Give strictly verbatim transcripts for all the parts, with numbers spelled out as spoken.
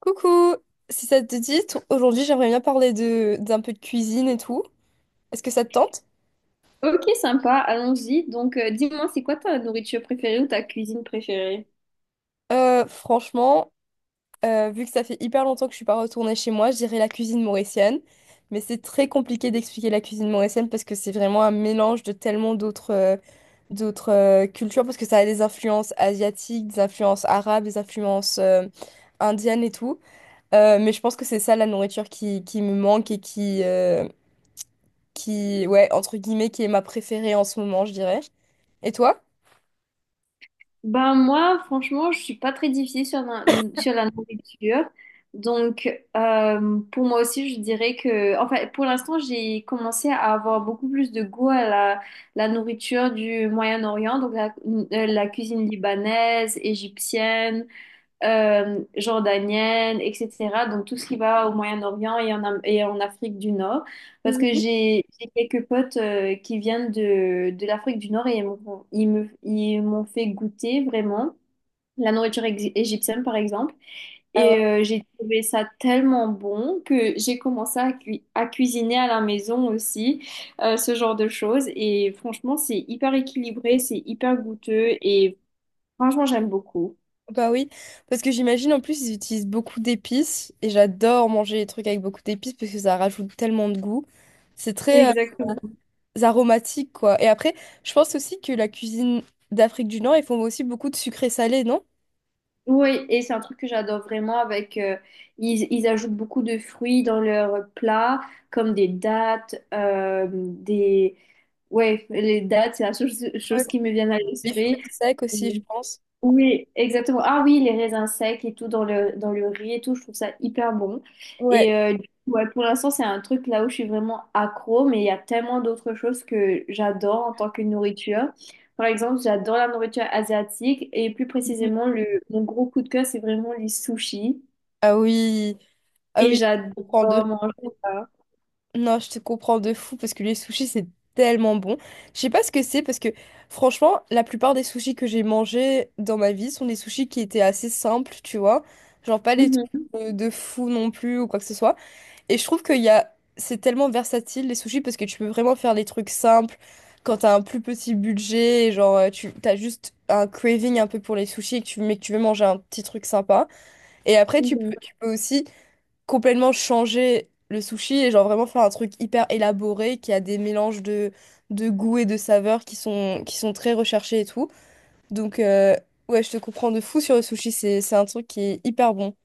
Coucou! Si ça te dit, t- aujourd'hui j'aimerais bien parler de d'un peu de cuisine et tout. Est-ce que ça te tente? Ok, sympa, allons-y. Donc, euh, dis-moi, c'est quoi ta nourriture préférée ou ta cuisine préférée? Euh, franchement, euh, vu que ça fait hyper longtemps que je suis pas retournée chez moi, je dirais la cuisine mauricienne. Mais c'est très compliqué d'expliquer la cuisine mauricienne parce que c'est vraiment un mélange de tellement d'autres euh, d'autres euh, cultures parce que ça a des influences asiatiques, des influences arabes, des influences euh, indiennes et tout. Euh, mais je pense que c'est ça la nourriture qui, qui me manque et qui, euh, qui, ouais, entre guillemets, qui est ma préférée en ce moment, je dirais. Et toi? Ben moi, franchement, je suis pas très difficile sur la, sur la nourriture. Donc, euh, pour moi aussi, je dirais que, enfin, pour l'instant, j'ai commencé à avoir beaucoup plus de goût à la, la nourriture du Moyen-Orient, donc la, euh, la cuisine libanaise, égyptienne. Euh, jordanienne, et cetera. Donc tout ce qui va au Moyen-Orient et en, Am- et en Afrique du Nord. Parce que Mhm. j'ai j'ai quelques potes euh, qui viennent de, de l'Afrique du Nord et ils m'ont ils me- ils m'ont fait goûter vraiment la nourriture ex- égyptienne, par exemple. Ah ouais, Et euh, j'ai trouvé ça tellement bon que j'ai commencé à, cui- à cuisiner à la maison aussi, euh, ce genre de choses. Et franchement, c'est hyper équilibré, c'est hyper goûteux et franchement, j'aime beaucoup. bah oui, parce que j'imagine en plus ils utilisent beaucoup d'épices et j'adore manger les trucs avec beaucoup d'épices parce que ça rajoute tellement de goût. C'est très euh, Exactement. aromatique quoi. Et après, je pense aussi que la cuisine d'Afrique du Nord, ils font aussi beaucoup de sucré salé, non? Oui, et c'est un truc que j'adore vraiment avec euh, ils, ils ajoutent beaucoup de fruits dans leurs plats, comme des dattes, euh, des ouais, les dattes, c'est la chose, Ouais. chose qui me vient à Les fruits l'esprit. secs aussi, je pense. Oui, exactement. Ah oui, les raisins secs et tout dans le, dans le riz et tout, je trouve ça hyper bon. Ouais. Et euh, du coup, ouais, pour l'instant, c'est un truc là où je suis vraiment accro, mais il y a tellement d'autres choses que j'adore en tant que nourriture. Par exemple, j'adore la nourriture asiatique et plus précisément, le, mon gros coup de cœur, c'est vraiment les sushis. Ah oui, ah Et oui, j'adore on prend deux. manger ça. Non, je te comprends de fou parce que les sushis, c'est tellement bon. Je sais pas ce que c'est parce que franchement, la plupart des sushis que j'ai mangés dans ma vie sont des sushis qui étaient assez simples, tu vois. Genre pas les trucs Mhm, de de fou non plus ou quoi que ce soit. Et je trouve qu'il y a c'est tellement versatile les sushis parce que tu peux vraiment faire des trucs simples quand t'as un plus petit budget, et genre euh, tu t'as juste un craving un peu pour les sushis et que tu mais que tu veux manger un petit truc sympa. Et après, tu mhm. peux, tu peux aussi complètement changer le sushi et genre vraiment faire un truc hyper élaboré qui a des mélanges de, de goûts et de saveurs qui sont, qui sont très recherchés et tout. Donc euh, ouais, je te comprends de fou sur le sushi, c'est, c'est un truc qui est hyper bon.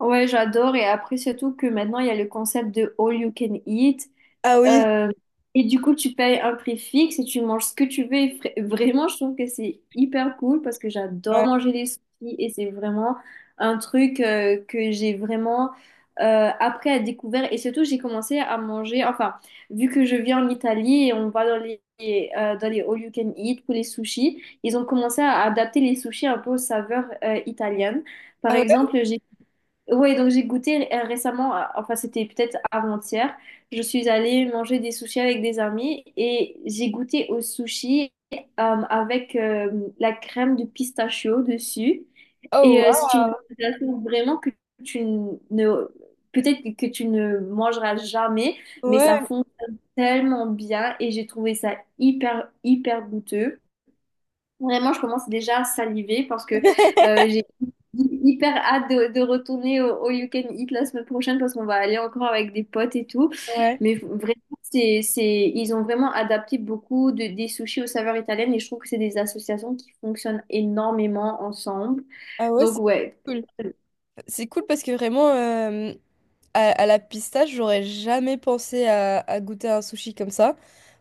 Ouais, j'adore. Et après, surtout que maintenant, il y a le concept de all you can eat. Ah oui, Euh, et du coup, tu payes un prix fixe et tu manges ce que tu veux. Et fra- vraiment, je trouve que c'est hyper cool parce que j'adore ouais. manger les sushis et c'est vraiment un truc euh, que j'ai vraiment euh, appris à découvrir. Et surtout, j'ai commencé à manger, enfin, vu que je vis en Italie et on va dans les, euh, dans les all you can eat pour les sushis, ils ont commencé à adapter les sushis un peu aux saveurs euh, italiennes. Par Ah ouais. exemple, j'ai oui, donc j'ai goûté euh, récemment, à- enfin c'était peut-être avant-hier, je suis allée manger des sushis avec des amis et j'ai goûté au sushi euh, avec euh, la crème de pistachio dessus. Et Oh euh, c'est une waouh. sensation vraiment que tu ne, peut-être que tu ne mangeras jamais, mais ça Ouais, fonctionne tellement bien et j'ai trouvé ça hyper, hyper goûteux. Vraiment, je commence déjà à saliver parce que euh, j'ai hyper hâte de, de retourner au, au You Can Eat la semaine prochaine parce qu'on va aller encore avec des potes et tout. ouais. Mais vraiment, c'est, c'est, ils ont vraiment adapté beaucoup de, des sushis aux saveurs italiennes et je trouve que c'est des associations qui fonctionnent énormément ensemble. Ah ouais, Donc, c'est ouais, cool. C'est cool parce que vraiment, euh, À, à la pistache, j'aurais jamais pensé à, à goûter un sushi comme ça.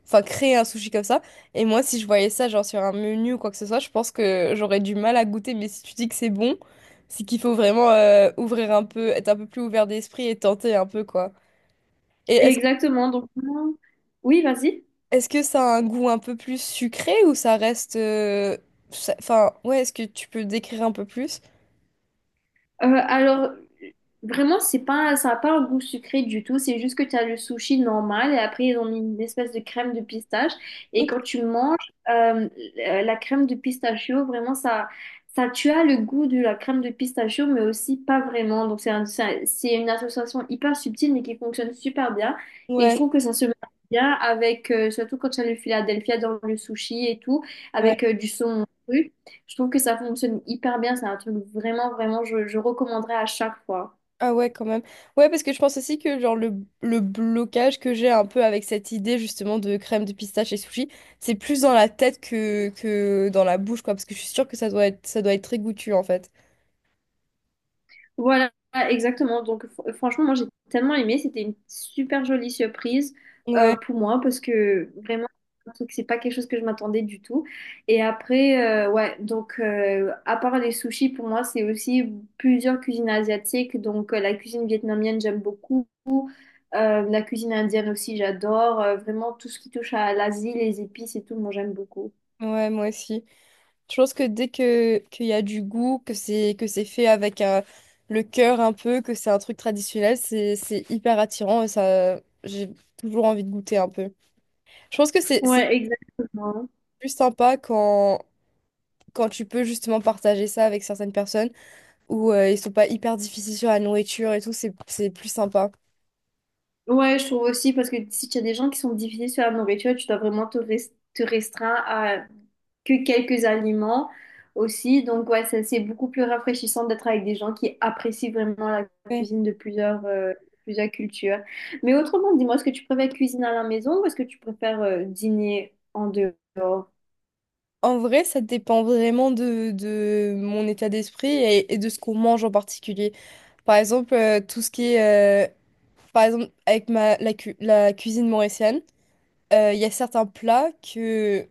Enfin, créer un sushi comme ça. Et moi, si je voyais ça, genre sur un menu ou quoi que ce soit, je pense que j'aurais du mal à goûter. Mais si tu dis que c'est bon, c'est qu'il faut vraiment euh, ouvrir un peu, être un peu plus ouvert d'esprit et tenter un peu, quoi. Et est-ce, exactement. Donc, vraiment- oui, vas-y. est-ce que ça a un goût un peu plus sucré ou ça reste euh, ça- Enfin, ouais, est-ce que tu peux décrire un peu plus? Euh, alors, vraiment, c'est pas, ça n'a pas un goût sucré du tout. C'est juste que tu as le sushi normal et après, ils ont mis une espèce de crème de pistache. Et quand tu manges euh, la crème de pistachio, vraiment, ça, ça, tu as le goût de la crème de pistachio, mais aussi pas vraiment. Donc, c'est un- c'est un- c'est une association hyper subtile, mais qui fonctionne super bien. Et je Ouais, trouve que ça se marie bien avec, euh, surtout quand tu as le Philadelphia dans le sushi et tout, ouais. avec euh, du saumon cru. Je trouve que ça fonctionne hyper bien. C'est un truc vraiment, vraiment, je, je recommanderais à chaque fois. Ah ouais, quand même. Ouais, parce que je pense aussi que genre le, le blocage que j'ai un peu avec cette idée justement de crème de pistache et sushi, c'est plus dans la tête que, que dans la bouche, quoi, parce que je suis sûre que ça doit être, ça doit être très goûtu en fait. Voilà, exactement. Donc, fr- franchement, moi, j'ai tellement aimé. C'était une super jolie surprise euh, Ouais, pour moi parce que vraiment, un truc, c'est pas quelque chose que je m'attendais du tout. Et après, euh, ouais, donc, euh, à part les sushis, pour moi, c'est aussi plusieurs cuisines asiatiques. Donc, euh, la cuisine vietnamienne, j'aime beaucoup. Euh, la cuisine indienne aussi, j'adore. Euh, vraiment, tout ce qui touche à l'Asie, les épices et tout, moi, j'aime beaucoup. ouais, moi aussi. Je pense que dès que qu'il y a du goût, que c'est que c'est fait avec euh, le cœur un peu, que c'est un truc traditionnel, c'est c'est hyper attirant et ça j'ai toujours envie de goûter un peu. Je pense que c'est c'est Ouais, exactement. plus sympa quand quand tu peux justement partager ça avec certaines personnes où euh, ils sont pas hyper difficiles sur la nourriture et tout, c'est c'est plus sympa. Ouais, je trouve aussi, parce que si tu as des gens qui sont difficiles sur la nourriture, tu dois vraiment te, res- te restreindre à que quelques aliments aussi. Donc, ouais, ça, c'est beaucoup plus rafraîchissant d'être avec des gens qui apprécient vraiment la Ouais. cuisine de plusieurs, euh, plusieurs cultures. Mais autrement, dis-moi, est-ce que tu préfères cuisiner à la maison ou est-ce que tu préfères euh, dîner en dehors? En vrai, ça dépend vraiment de, de mon état d'esprit et, et de ce qu'on mange en particulier. Par exemple, euh, tout ce qui est euh, par exemple, avec ma, la, cu- la cuisine mauricienne, euh, il y a certains plats que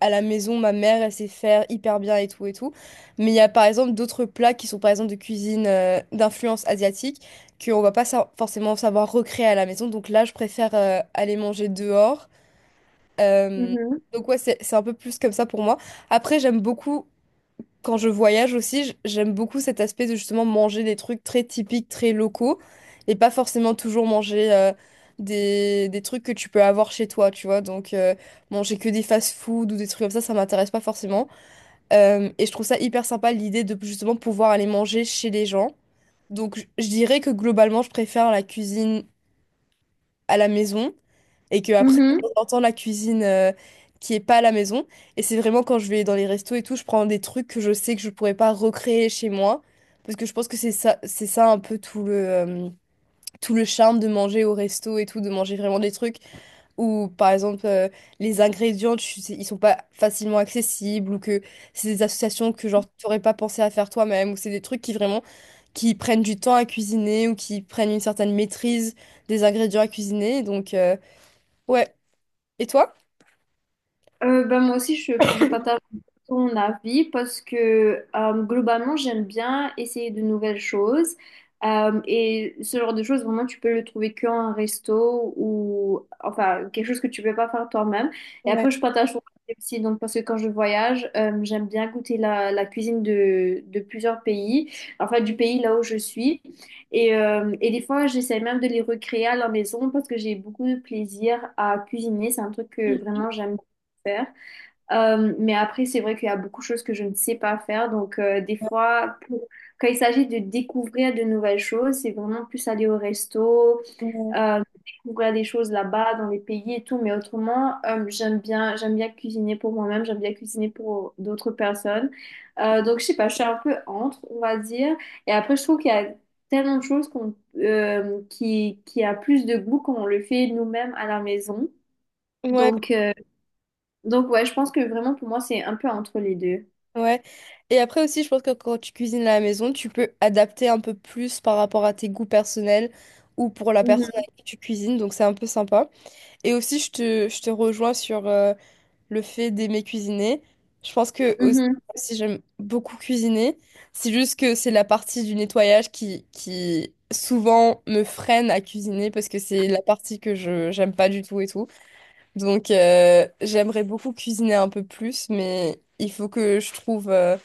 à la maison, ma mère, elle sait faire hyper bien et tout et tout. Mais il y a par exemple d'autres plats qui sont par exemple de cuisine euh, d'influence asiatique qu'on va pas sa- forcément savoir recréer à la maison. Donc là, je préfère euh, aller manger dehors. Euh, Mhm. donc ouais, c'est c'est un peu plus comme ça pour moi. Après, j'aime beaucoup, quand je voyage aussi, j- j'aime beaucoup cet aspect de justement manger des trucs très typiques, très locaux, et pas forcément toujours manger euh, des, des trucs que tu peux avoir chez toi, tu vois. Donc euh, manger que des fast-food ou des trucs comme ça, ça m'intéresse pas forcément. Euh, et je trouve ça hyper sympa l'idée de justement pouvoir aller manger chez les gens. Donc je je dirais que globalement, je préfère la cuisine à la maison et que après Mhm. j'entends la cuisine euh, qui est pas à la maison et c'est vraiment quand je vais dans les restos et tout je prends des trucs que je sais que je pourrais pas recréer chez moi parce que je pense que c'est ça c'est ça un peu tout le euh, tout le charme de manger au resto et tout de manger vraiment des trucs ou par exemple euh, les ingrédients tu sais, ils sont pas facilement accessibles ou que c'est des associations que genre t'aurais pas pensé à faire toi-même ou c'est des trucs qui vraiment qui prennent du temps à cuisiner ou qui prennent une certaine maîtrise des ingrédients à cuisiner donc euh, ouais et toi? Euh, ben, moi aussi, je, je partage ton avis parce que euh, globalement, j'aime bien essayer de nouvelles choses. Euh, et ce genre de choses, vraiment, tu peux le trouver qu'en resto ou enfin quelque chose que tu peux pas faire toi-même. Et Ouais. après, je partage ton avis aussi, donc, parce que quand je voyage, euh, j'aime bien goûter la, la cuisine de, de plusieurs pays, enfin du pays là où je suis. Et, euh, et des fois, j'essaie même de les recréer à la maison parce que j'ai beaucoup de plaisir à cuisiner. C'est un truc que vraiment j'aime faire. Euh, mais après, c'est vrai qu'il y a beaucoup de choses que je ne sais pas faire. Donc, euh, des fois, pour- quand il s'agit de découvrir de nouvelles choses, c'est vraiment plus aller au resto, Ouais, euh, découvrir des choses là-bas, dans les pays et tout. Mais autrement, euh, j'aime bien, j'aime bien cuisiner pour moi-même, j'aime bien cuisiner pour d'autres personnes. Euh, donc, je sais pas, je suis un peu entre, on va dire. Et après, je trouve qu'il y a tellement de choses qu'on, euh, qui, qui a plus de goût quand on le fait nous-mêmes à la maison. ouais. Donc, euh, donc ouais, je pense que vraiment pour moi c'est un peu entre les deux. Ouais. Et après aussi, je pense que quand tu cuisines à la maison, tu peux adapter un peu plus par rapport à tes goûts personnels ou pour la personne Mhm, avec qui tu cuisines, donc c'est un peu sympa. Et aussi, je te, je te rejoins sur, euh, le fait d'aimer cuisiner. Je pense que aussi, mhm. même si j'aime beaucoup cuisiner, c'est juste que c'est la partie du nettoyage qui, qui souvent me freine à cuisiner parce que c'est la partie que je j'aime pas du tout et tout. Donc euh, j'aimerais beaucoup cuisiner un peu plus, mais il faut que je trouve euh,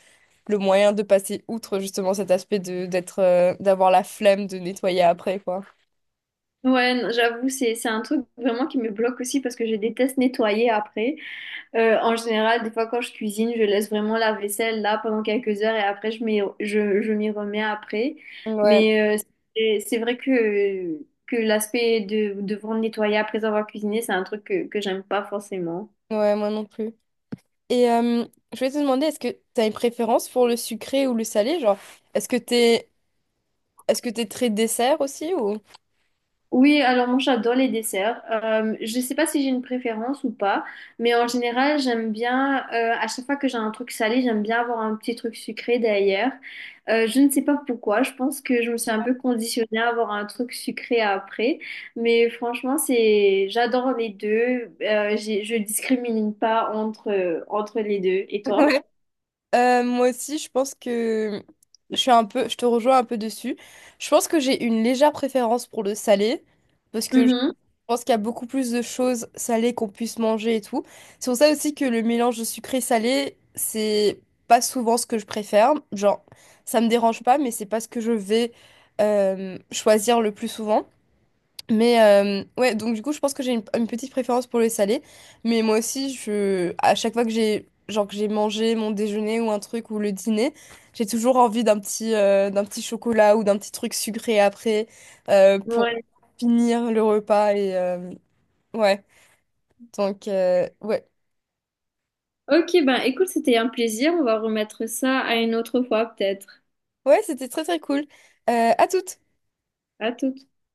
le moyen de passer outre justement cet aspect de d'être euh, d'avoir la flemme de nettoyer après quoi. Ouais, non, j'avoue, c'est c'est un truc vraiment qui me bloque aussi parce que je déteste nettoyer après. Euh, en général, des fois quand je cuisine, je laisse vraiment la vaisselle là pendant quelques heures et après je m'y je, je m'y remets après. Ouais, Mais euh, c'est c'est vrai que que l'aspect de devoir nettoyer après avoir cuisiné, c'est un truc que que j'aime pas forcément. ouais, moi non plus. Et euh, je voulais te demander, est-ce que tu as une préférence pour le sucré ou le salé? Genre, est-ce que t'es, est-ce que t'es très dessert aussi ou Oui, alors moi j'adore les desserts. Euh, je sais pas si j'ai une préférence ou pas, mais en général j'aime bien, euh, à chaque fois que j'ai un truc salé, j'aime bien avoir un petit truc sucré derrière. Euh, je ne sais pas pourquoi, je pense que je me suis un peu conditionnée à avoir un truc sucré après, mais franchement c'est, j'adore les deux. Euh, j'ai- je discrimine pas entre, entre les deux. Et toi? Ouais. Euh, moi aussi, je pense que je suis un peu, je te rejoins un peu dessus. Je pense que j'ai une légère préférence pour le salé parce que je Mhm. pense qu'il y a beaucoup plus de choses salées qu'on puisse manger et tout. C'est pour ça aussi que le mélange de sucré-salé, c'est pas souvent ce que je préfère. Genre, ça me dérange pas, mais c'est pas ce que je vais euh, choisir le plus souvent. Mais euh, ouais, donc du coup, je pense que j'ai une, une petite préférence pour les salés. Mais moi aussi, je, à chaque fois que j'ai genre que j'ai mangé mon déjeuner ou un truc ou le dîner, j'ai toujours envie d'un petit, euh, d'un petit chocolat ou d'un petit truc sucré après euh, pour Ouais. finir le repas. Et euh, ouais, donc euh, ouais, Ok, ben écoute, c'était un plaisir. On va remettre ça à une autre fois peut-être. ouais, c'était très très cool. Euh, à toutes! À tout.